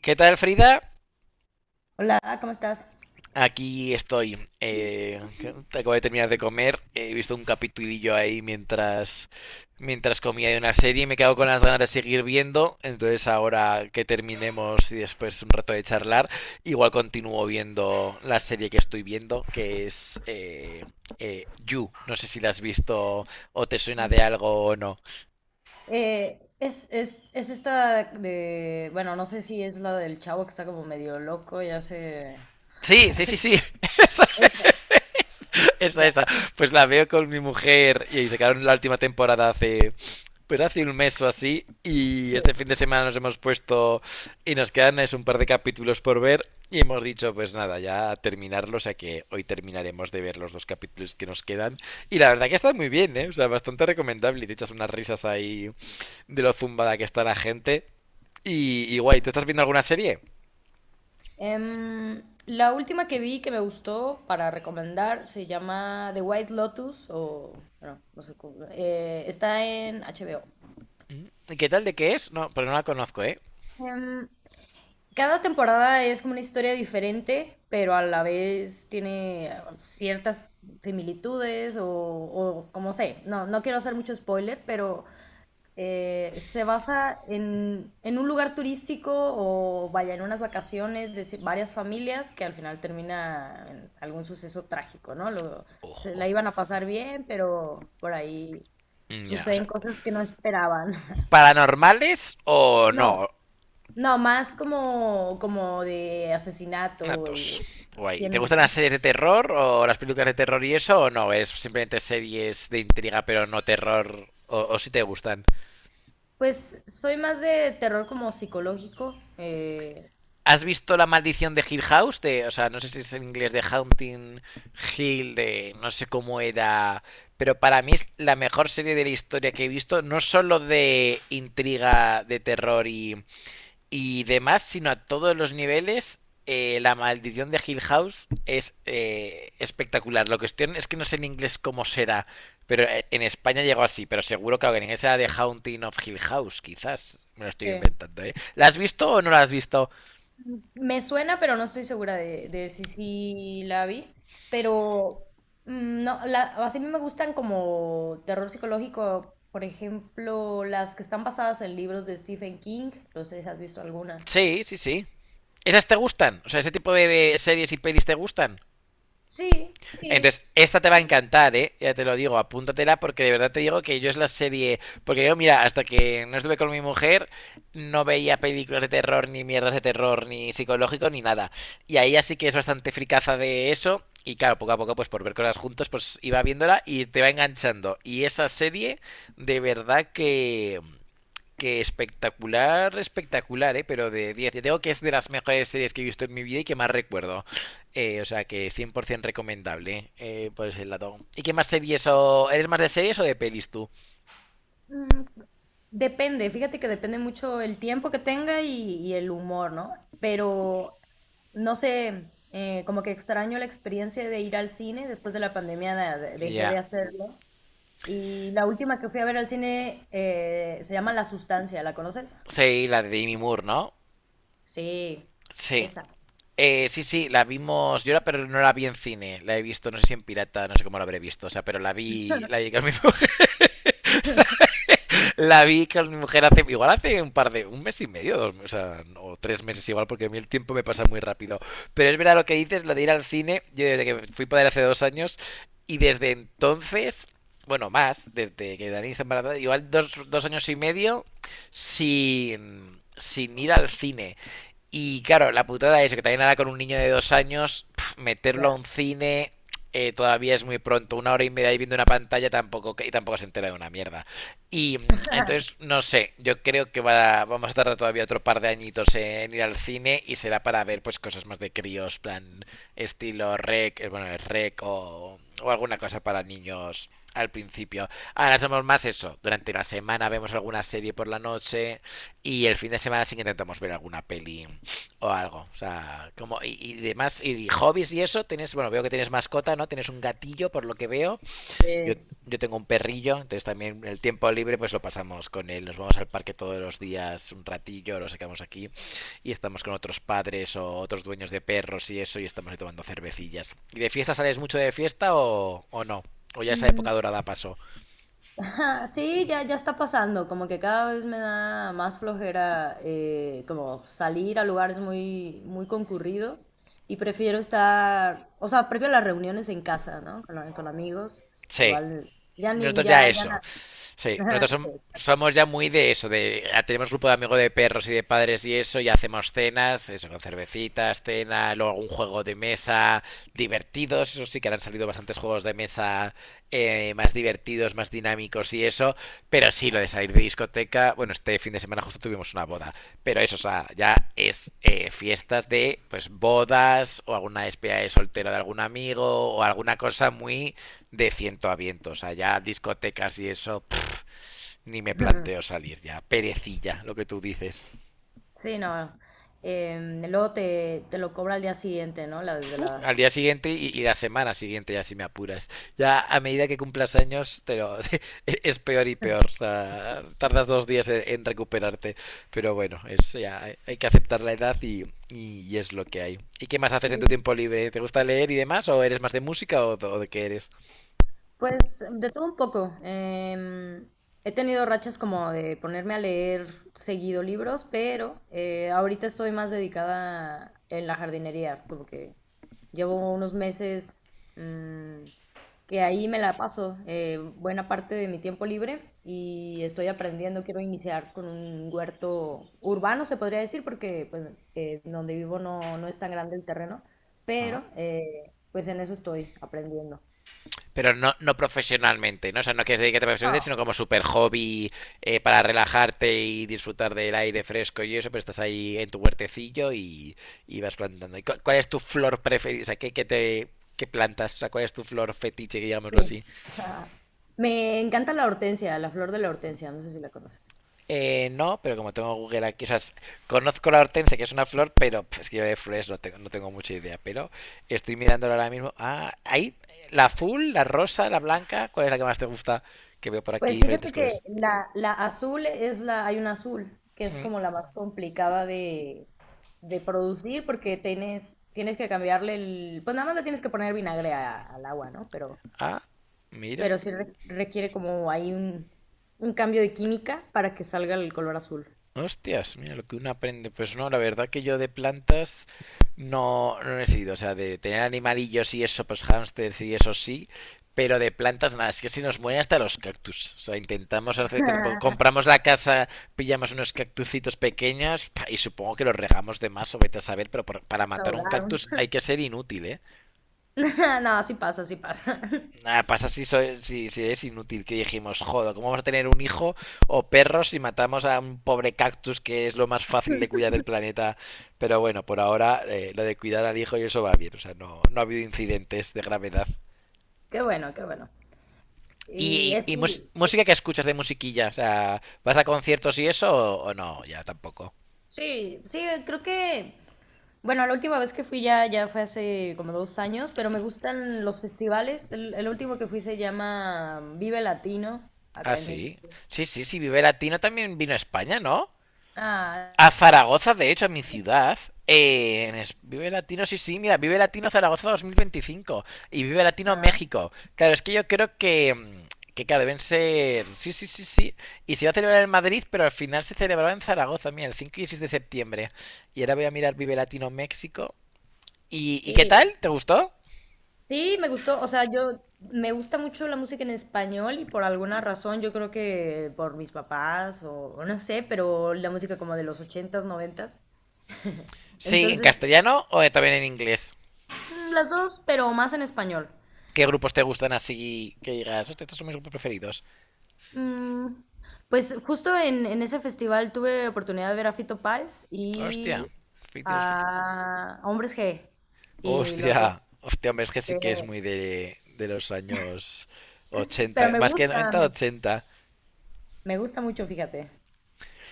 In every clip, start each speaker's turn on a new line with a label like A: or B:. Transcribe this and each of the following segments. A: ¿Qué tal, Frida?
B: Hola, ¿cómo estás?
A: Aquí estoy. Acabo de terminar de comer. He visto un capitulillo ahí mientras comía de una serie y me quedo con las ganas de seguir viendo. Entonces, ahora que terminemos y después un rato de charlar, igual continúo viendo la serie que estoy viendo, que es You. No sé si la has visto o te suena de algo o no.
B: Es esta de, bueno, no sé si es la del chavo que está como medio loco y
A: Sí, sí, sí,
B: hace...
A: sí. Esa,
B: El chavo,
A: esa,
B: ya,
A: esa. Pues la veo con mi mujer y se quedaron la última temporada hace un mes o así. Y
B: sí.
A: este fin de semana nos hemos puesto y nos quedan es un par de capítulos por ver. Y hemos dicho, pues nada, ya terminarlo. O sea que hoy terminaremos de ver los dos capítulos que nos quedan. Y la verdad que está muy bien, ¿eh? O sea, bastante recomendable. Y te echas unas risas ahí de lo zumbada que está la gente. Y guay, ¿tú estás viendo alguna serie?
B: La última que vi que me gustó para recomendar se llama The White Lotus o, bueno, no sé cómo, está en HBO.
A: ¿Y ¿qué tal, de qué es? No, pero no la conozco, ¿eh?
B: Em, Cada temporada es como una historia diferente, pero a la vez tiene ciertas similitudes o como sé. No, no quiero hacer mucho spoiler, pero se basa en un lugar turístico o vaya en unas vacaciones de varias familias que al final termina en algún suceso trágico, ¿no? Se la
A: Ojo.
B: iban a pasar bien, pero por ahí
A: Mm, ya, o sea,
B: suceden cosas que no esperaban.
A: ¿paranormales o
B: No,
A: no?
B: no, más como, como de asesinato y
A: Natos.
B: de...
A: Guay. ¿Te
B: ¿Quién,
A: gustan las
B: quién?
A: series de terror o las películas de terror y eso o no? Es simplemente series de intriga pero no terror, o si te gustan.
B: Pues soy más de terror como psicológico.
A: ¿Has visto La maldición de Hill House? De, o sea, no sé si es en inglés de Haunting Hill, de no sé cómo era, pero para mí es la mejor serie de la historia que he visto, no solo de intriga, de terror y demás, sino a todos los niveles. La maldición de Hill House es espectacular. La cuestión es que no sé en inglés cómo será, pero en España llegó así, pero seguro que en inglés era The Haunting of Hill House, quizás. Me lo estoy
B: Sí,
A: inventando, ¿eh? ¿La has visto o no la has visto?
B: me suena, pero no estoy segura de si sí la vi. Pero no, la, así me gustan como terror psicológico, por ejemplo, las que están basadas en libros de Stephen King. No sé si has visto alguna.
A: Sí, sí, sí. ¿Esas te gustan? O sea, ¿ese tipo de series y pelis te gustan?
B: Sí, sí.
A: Entonces, esta te va a encantar, ¿eh? Ya te lo digo, apúntatela porque de verdad te digo que yo es la serie... Porque yo, mira, hasta que no estuve con mi mujer, no veía películas de terror, ni mierdas de terror, ni psicológico, ni nada. Y ahí así que es bastante fricaza de eso. Y claro, poco a poco, pues por ver cosas juntos, pues iba viéndola y te va enganchando. Y esa serie, de verdad que espectacular, espectacular, ¿eh? Pero de diez. Yo digo que es de las mejores series que he visto en mi vida y que más recuerdo. O sea que 100% recomendable por ese lado. ¿Y qué más series o... ¿Eres más de series o de pelis tú?
B: Mm, Depende, fíjate que depende mucho el tiempo que tenga y el humor, ¿no? Pero no sé, como que extraño la experiencia de ir al cine. Después de la pandemia dejé de
A: Ya.
B: hacerlo. Y la última que fui a ver al cine se llama La Sustancia, ¿la conoces?
A: Sí, la de Demi Moore, ¿no?
B: Sí,
A: Sí.
B: esa.
A: Sí, sí, la vimos. Yo la, pero no la vi en cine. La he visto, no sé si en pirata, no sé cómo la habré visto. O sea, pero la vi. La vi que me la vi que mi mujer hace, igual hace un mes y medio, dos, o, sea, o tres meses igual, porque a mí el tiempo me pasa muy rápido. Pero es verdad lo que dices, lo de ir al cine, yo desde que fui padre hace dos años, y desde entonces, bueno, más, desde que Dani está embarazada, igual dos años y medio sin ir al cine. Y claro, la putada es que también ahora con un niño de dos años, pf, meterlo a
B: Ya.
A: un cine todavía es muy pronto. Una hora y media ahí viendo una pantalla tampoco, y tampoco se entera de una mierda. Y entonces, no sé, yo creo que vamos a tardar todavía otro par de añitos en ir al cine y será para ver pues cosas más de críos, plan estilo rec, bueno, rec o alguna cosa para niños al principio. Ahora somos más eso. Durante la semana vemos alguna serie por la noche y el fin de semana sí que intentamos ver alguna peli o algo. O sea, como y demás, y hobbies y eso, tienes, bueno, veo que tienes mascota, ¿no? Tienes un gatillo, por lo que veo. Yo,
B: Eh,
A: yo tengo un perrillo, entonces también el tiempo libre pues lo pasamos con él. Nos vamos al parque todos los días un ratillo, lo sacamos aquí y estamos con otros padres o otros dueños de perros y eso y estamos ahí tomando cervecillas. ¿Y de fiesta sales mucho de fiesta o no? ¿O ya esa
B: mm,
A: época dorada pasó?
B: ajá, sí, ya, ya está pasando, como que cada vez me da más flojera como salir a lugares muy, muy concurridos y prefiero estar, o sea, prefiero las reuniones en casa, ¿no? Con, con amigos,
A: Sí,
B: igual, ya ni,
A: nosotros ya
B: ya, ya
A: eso.
B: na-
A: Sí,
B: Sí, exacto.
A: somos ya muy de eso, de tenemos grupo de amigos de perros y de padres y eso, y hacemos cenas, eso, con cervecitas, cena, luego algún juego de mesa divertidos, eso sí que ahora han salido bastantes juegos de mesa más divertidos, más dinámicos y eso, pero sí, lo de salir de discoteca, bueno, este fin de semana justo tuvimos una boda, pero eso, o sea, ya es fiestas de, pues, bodas o alguna despedida de soltero de algún amigo o alguna cosa muy de ciento a viento, o sea, ya discotecas y eso ni me planteo salir ya. Perecilla, lo que tú dices.
B: Sí, no. Luego te, te lo cobra al día siguiente, ¿no? La
A: Al
B: desvelada.
A: día siguiente y la semana siguiente, ya si me apuras. Ya a medida que cumplas años, te lo, es peor y peor. O sea, tardas dos días en recuperarte. Pero bueno, hay que aceptar la edad y es lo que hay. ¿Y qué más haces en tu tiempo libre? ¿Te gusta leer y demás? ¿O eres más de música o de qué eres?
B: Pues de todo un poco. He tenido rachas como de ponerme a leer seguido libros, pero ahorita estoy más dedicada en la jardinería, como que llevo unos meses, mm, que ahí me la paso buena parte de mi tiempo libre y estoy aprendiendo, quiero iniciar con un huerto urbano, se podría decir, porque pues, donde vivo no, no es tan grande el terreno,
A: Ah,
B: pero pues en eso estoy aprendiendo.
A: pero no, no profesionalmente, ¿no? O sea, no quieres dedicarte profesionalmente,
B: Ah,
A: sino como super hobby para relajarte y disfrutar del aire fresco y eso, pero estás ahí en tu huertecillo y vas plantando. ¿Y cuál es tu flor preferida? O sea, ¿qué plantas? O sea, ¿cuál es tu flor fetiche, digámoslo
B: sí.
A: así?
B: Ajá. Me encanta la hortensia, la flor de la hortensia, no sé si la conoces.
A: No, pero como tengo Google aquí, o sea, conozco la hortensia, que es una flor, pero pf, es que yo de flores no tengo mucha idea, pero estoy mirándolo ahora mismo. Ah, ahí, la azul, la rosa, la blanca, ¿cuál es la que más te gusta? Que veo por aquí
B: Pues
A: diferentes
B: fíjate que
A: colores.
B: la azul es la, hay una azul, que es
A: Mm.
B: como la más complicada de producir porque tienes, tienes que cambiarle el, pues nada más le tienes que poner vinagre al agua, ¿no?
A: Ah, mira.
B: Pero sí requiere como hay un cambio de química para que salga el color azul.
A: Hostias, mira lo que uno aprende. Pues no, la verdad que yo de plantas no he sido. O sea, de tener animalillos y eso, pues hámsters y eso sí. Pero de plantas nada, es que se nos mueren hasta los cactus. O sea, intentamos hacer, cuando compramos la casa, pillamos unos cactucitos pequeños pa, y supongo que los regamos de más o vete a saber, pero para
B: Nos
A: matar un
B: ahogaron.
A: cactus hay que ser inútil, ¿eh?
B: No, así pasa, así pasa.
A: Nada, pasa si, soy, si, si es inútil que dijimos, joder, ¿cómo vamos a tener un hijo o perros si matamos a un pobre cactus que es lo más fácil de cuidar del planeta? Pero bueno, por ahora lo de cuidar al hijo y eso va bien, o sea, no ha habido incidentes de gravedad.
B: Qué bueno, qué bueno. Y es,
A: Y música que escuchas de musiquilla? O sea, ¿vas a conciertos y eso o no? Ya tampoco.
B: sí, sí, creo que, bueno, la última vez que fui ya, ya fue hace como dos años, pero me gustan los festivales. El último que fui se llama Vive Latino,
A: Ah,
B: acá en
A: sí.
B: México.
A: Sí, sí, sí, Vive Latino también vino a España, ¿no?
B: Ah,
A: A Zaragoza, de hecho, a mi ciudad. Vive Latino, sí, sí, mira, Vive Latino Zaragoza 2025 y Vive Latino
B: ah,
A: México. Claro, es que yo creo que, que claro, deben ser. Sí, sí, sí, sí. Y se iba a celebrar en Madrid, pero al final se celebraba en Zaragoza, mira, el 5 y 6 de septiembre. Y ahora voy a mirar Vive Latino México. Y qué
B: sí.
A: tal? ¿Te gustó?
B: Sí, me gustó, o sea, yo me gusta mucho la música en español y por alguna razón, yo creo que por mis papás o no sé, pero la música como de los ochentas, noventas.
A: Sí, en
B: Entonces,
A: castellano o también en inglés.
B: las dos, pero más en español.
A: ¿Qué grupos te gustan así que digas, hostia, estos son mis grupos preferidos?
B: Mm, pues justo en ese festival tuve oportunidad de ver a Fito Páez
A: Hostia,
B: y
A: 50,
B: a Hombres G. Y los
A: hostia,
B: dos.
A: hostia, hombre, es que sí
B: eh,
A: que es muy de los años
B: pero
A: 80,
B: me
A: más que
B: gusta,
A: 90
B: me,
A: ochenta.
B: me gusta mucho, fíjate.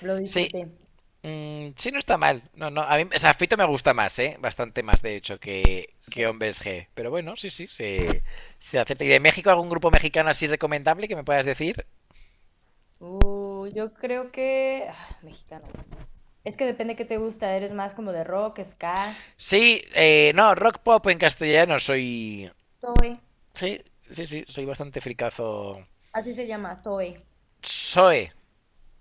B: Lo
A: Sí,
B: disfruté.
A: mm, sí, no está mal. No, no, a mí, o sea, Fito me gusta más, ¿eh? Bastante más, de hecho, que Hombres G. Pero bueno, sí, sí, se acepta. ¿Y de México algún grupo mexicano así recomendable que me puedas decir?
B: Yo creo que... ah, mexicano. Es que depende qué te gusta. Eres más como de rock, ska.
A: Sí, no, rock pop en castellano soy...
B: Soy.
A: Sí, sí, sí, soy bastante fricazo.
B: Así se llama, Soy.
A: Soe,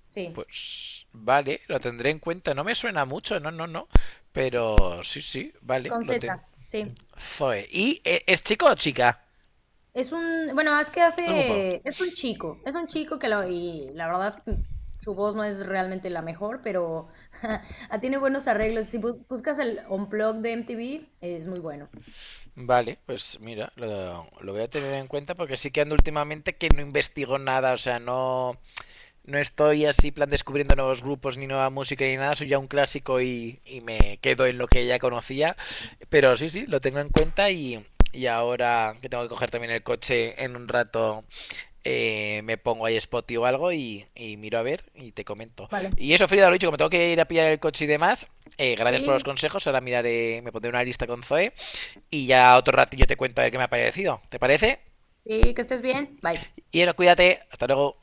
B: Sí.
A: pues vale, lo tendré en cuenta. No me suena mucho, no, no, no. Pero sí, sí, vale,
B: Con
A: lo
B: Z.
A: tengo.
B: Sí.
A: Zoe. ¿Y es chico o chica?
B: Es un, bueno, es que
A: Es un pavo.
B: hace, es un chico que lo, y la verdad, su voz no es realmente la mejor, pero ah, tiene buenos arreglos. Si buscas el Unplugged de MTV, es muy bueno.
A: Vale, pues mira, lo voy a tener en cuenta porque sí que ando últimamente que no investigo nada, o sea, no, no estoy así plan descubriendo nuevos grupos ni nueva música ni nada, soy ya un clásico y me quedo en lo que ya conocía, pero sí, sí, lo tengo en cuenta y ahora que tengo que coger también el coche en un rato me pongo ahí Spotify o algo y miro a ver y te comento.
B: Vale.
A: Y eso, Frida, lo dicho, como tengo que ir a pillar el coche y demás, gracias
B: Sí,
A: por los consejos. Ahora miraré, me pondré una lista con Zoe y ya otro ratillo te cuento a ver qué me ha parecido. ¿Te parece?
B: sí, que estés bien. Bye.
A: Y eso, cuídate, hasta luego.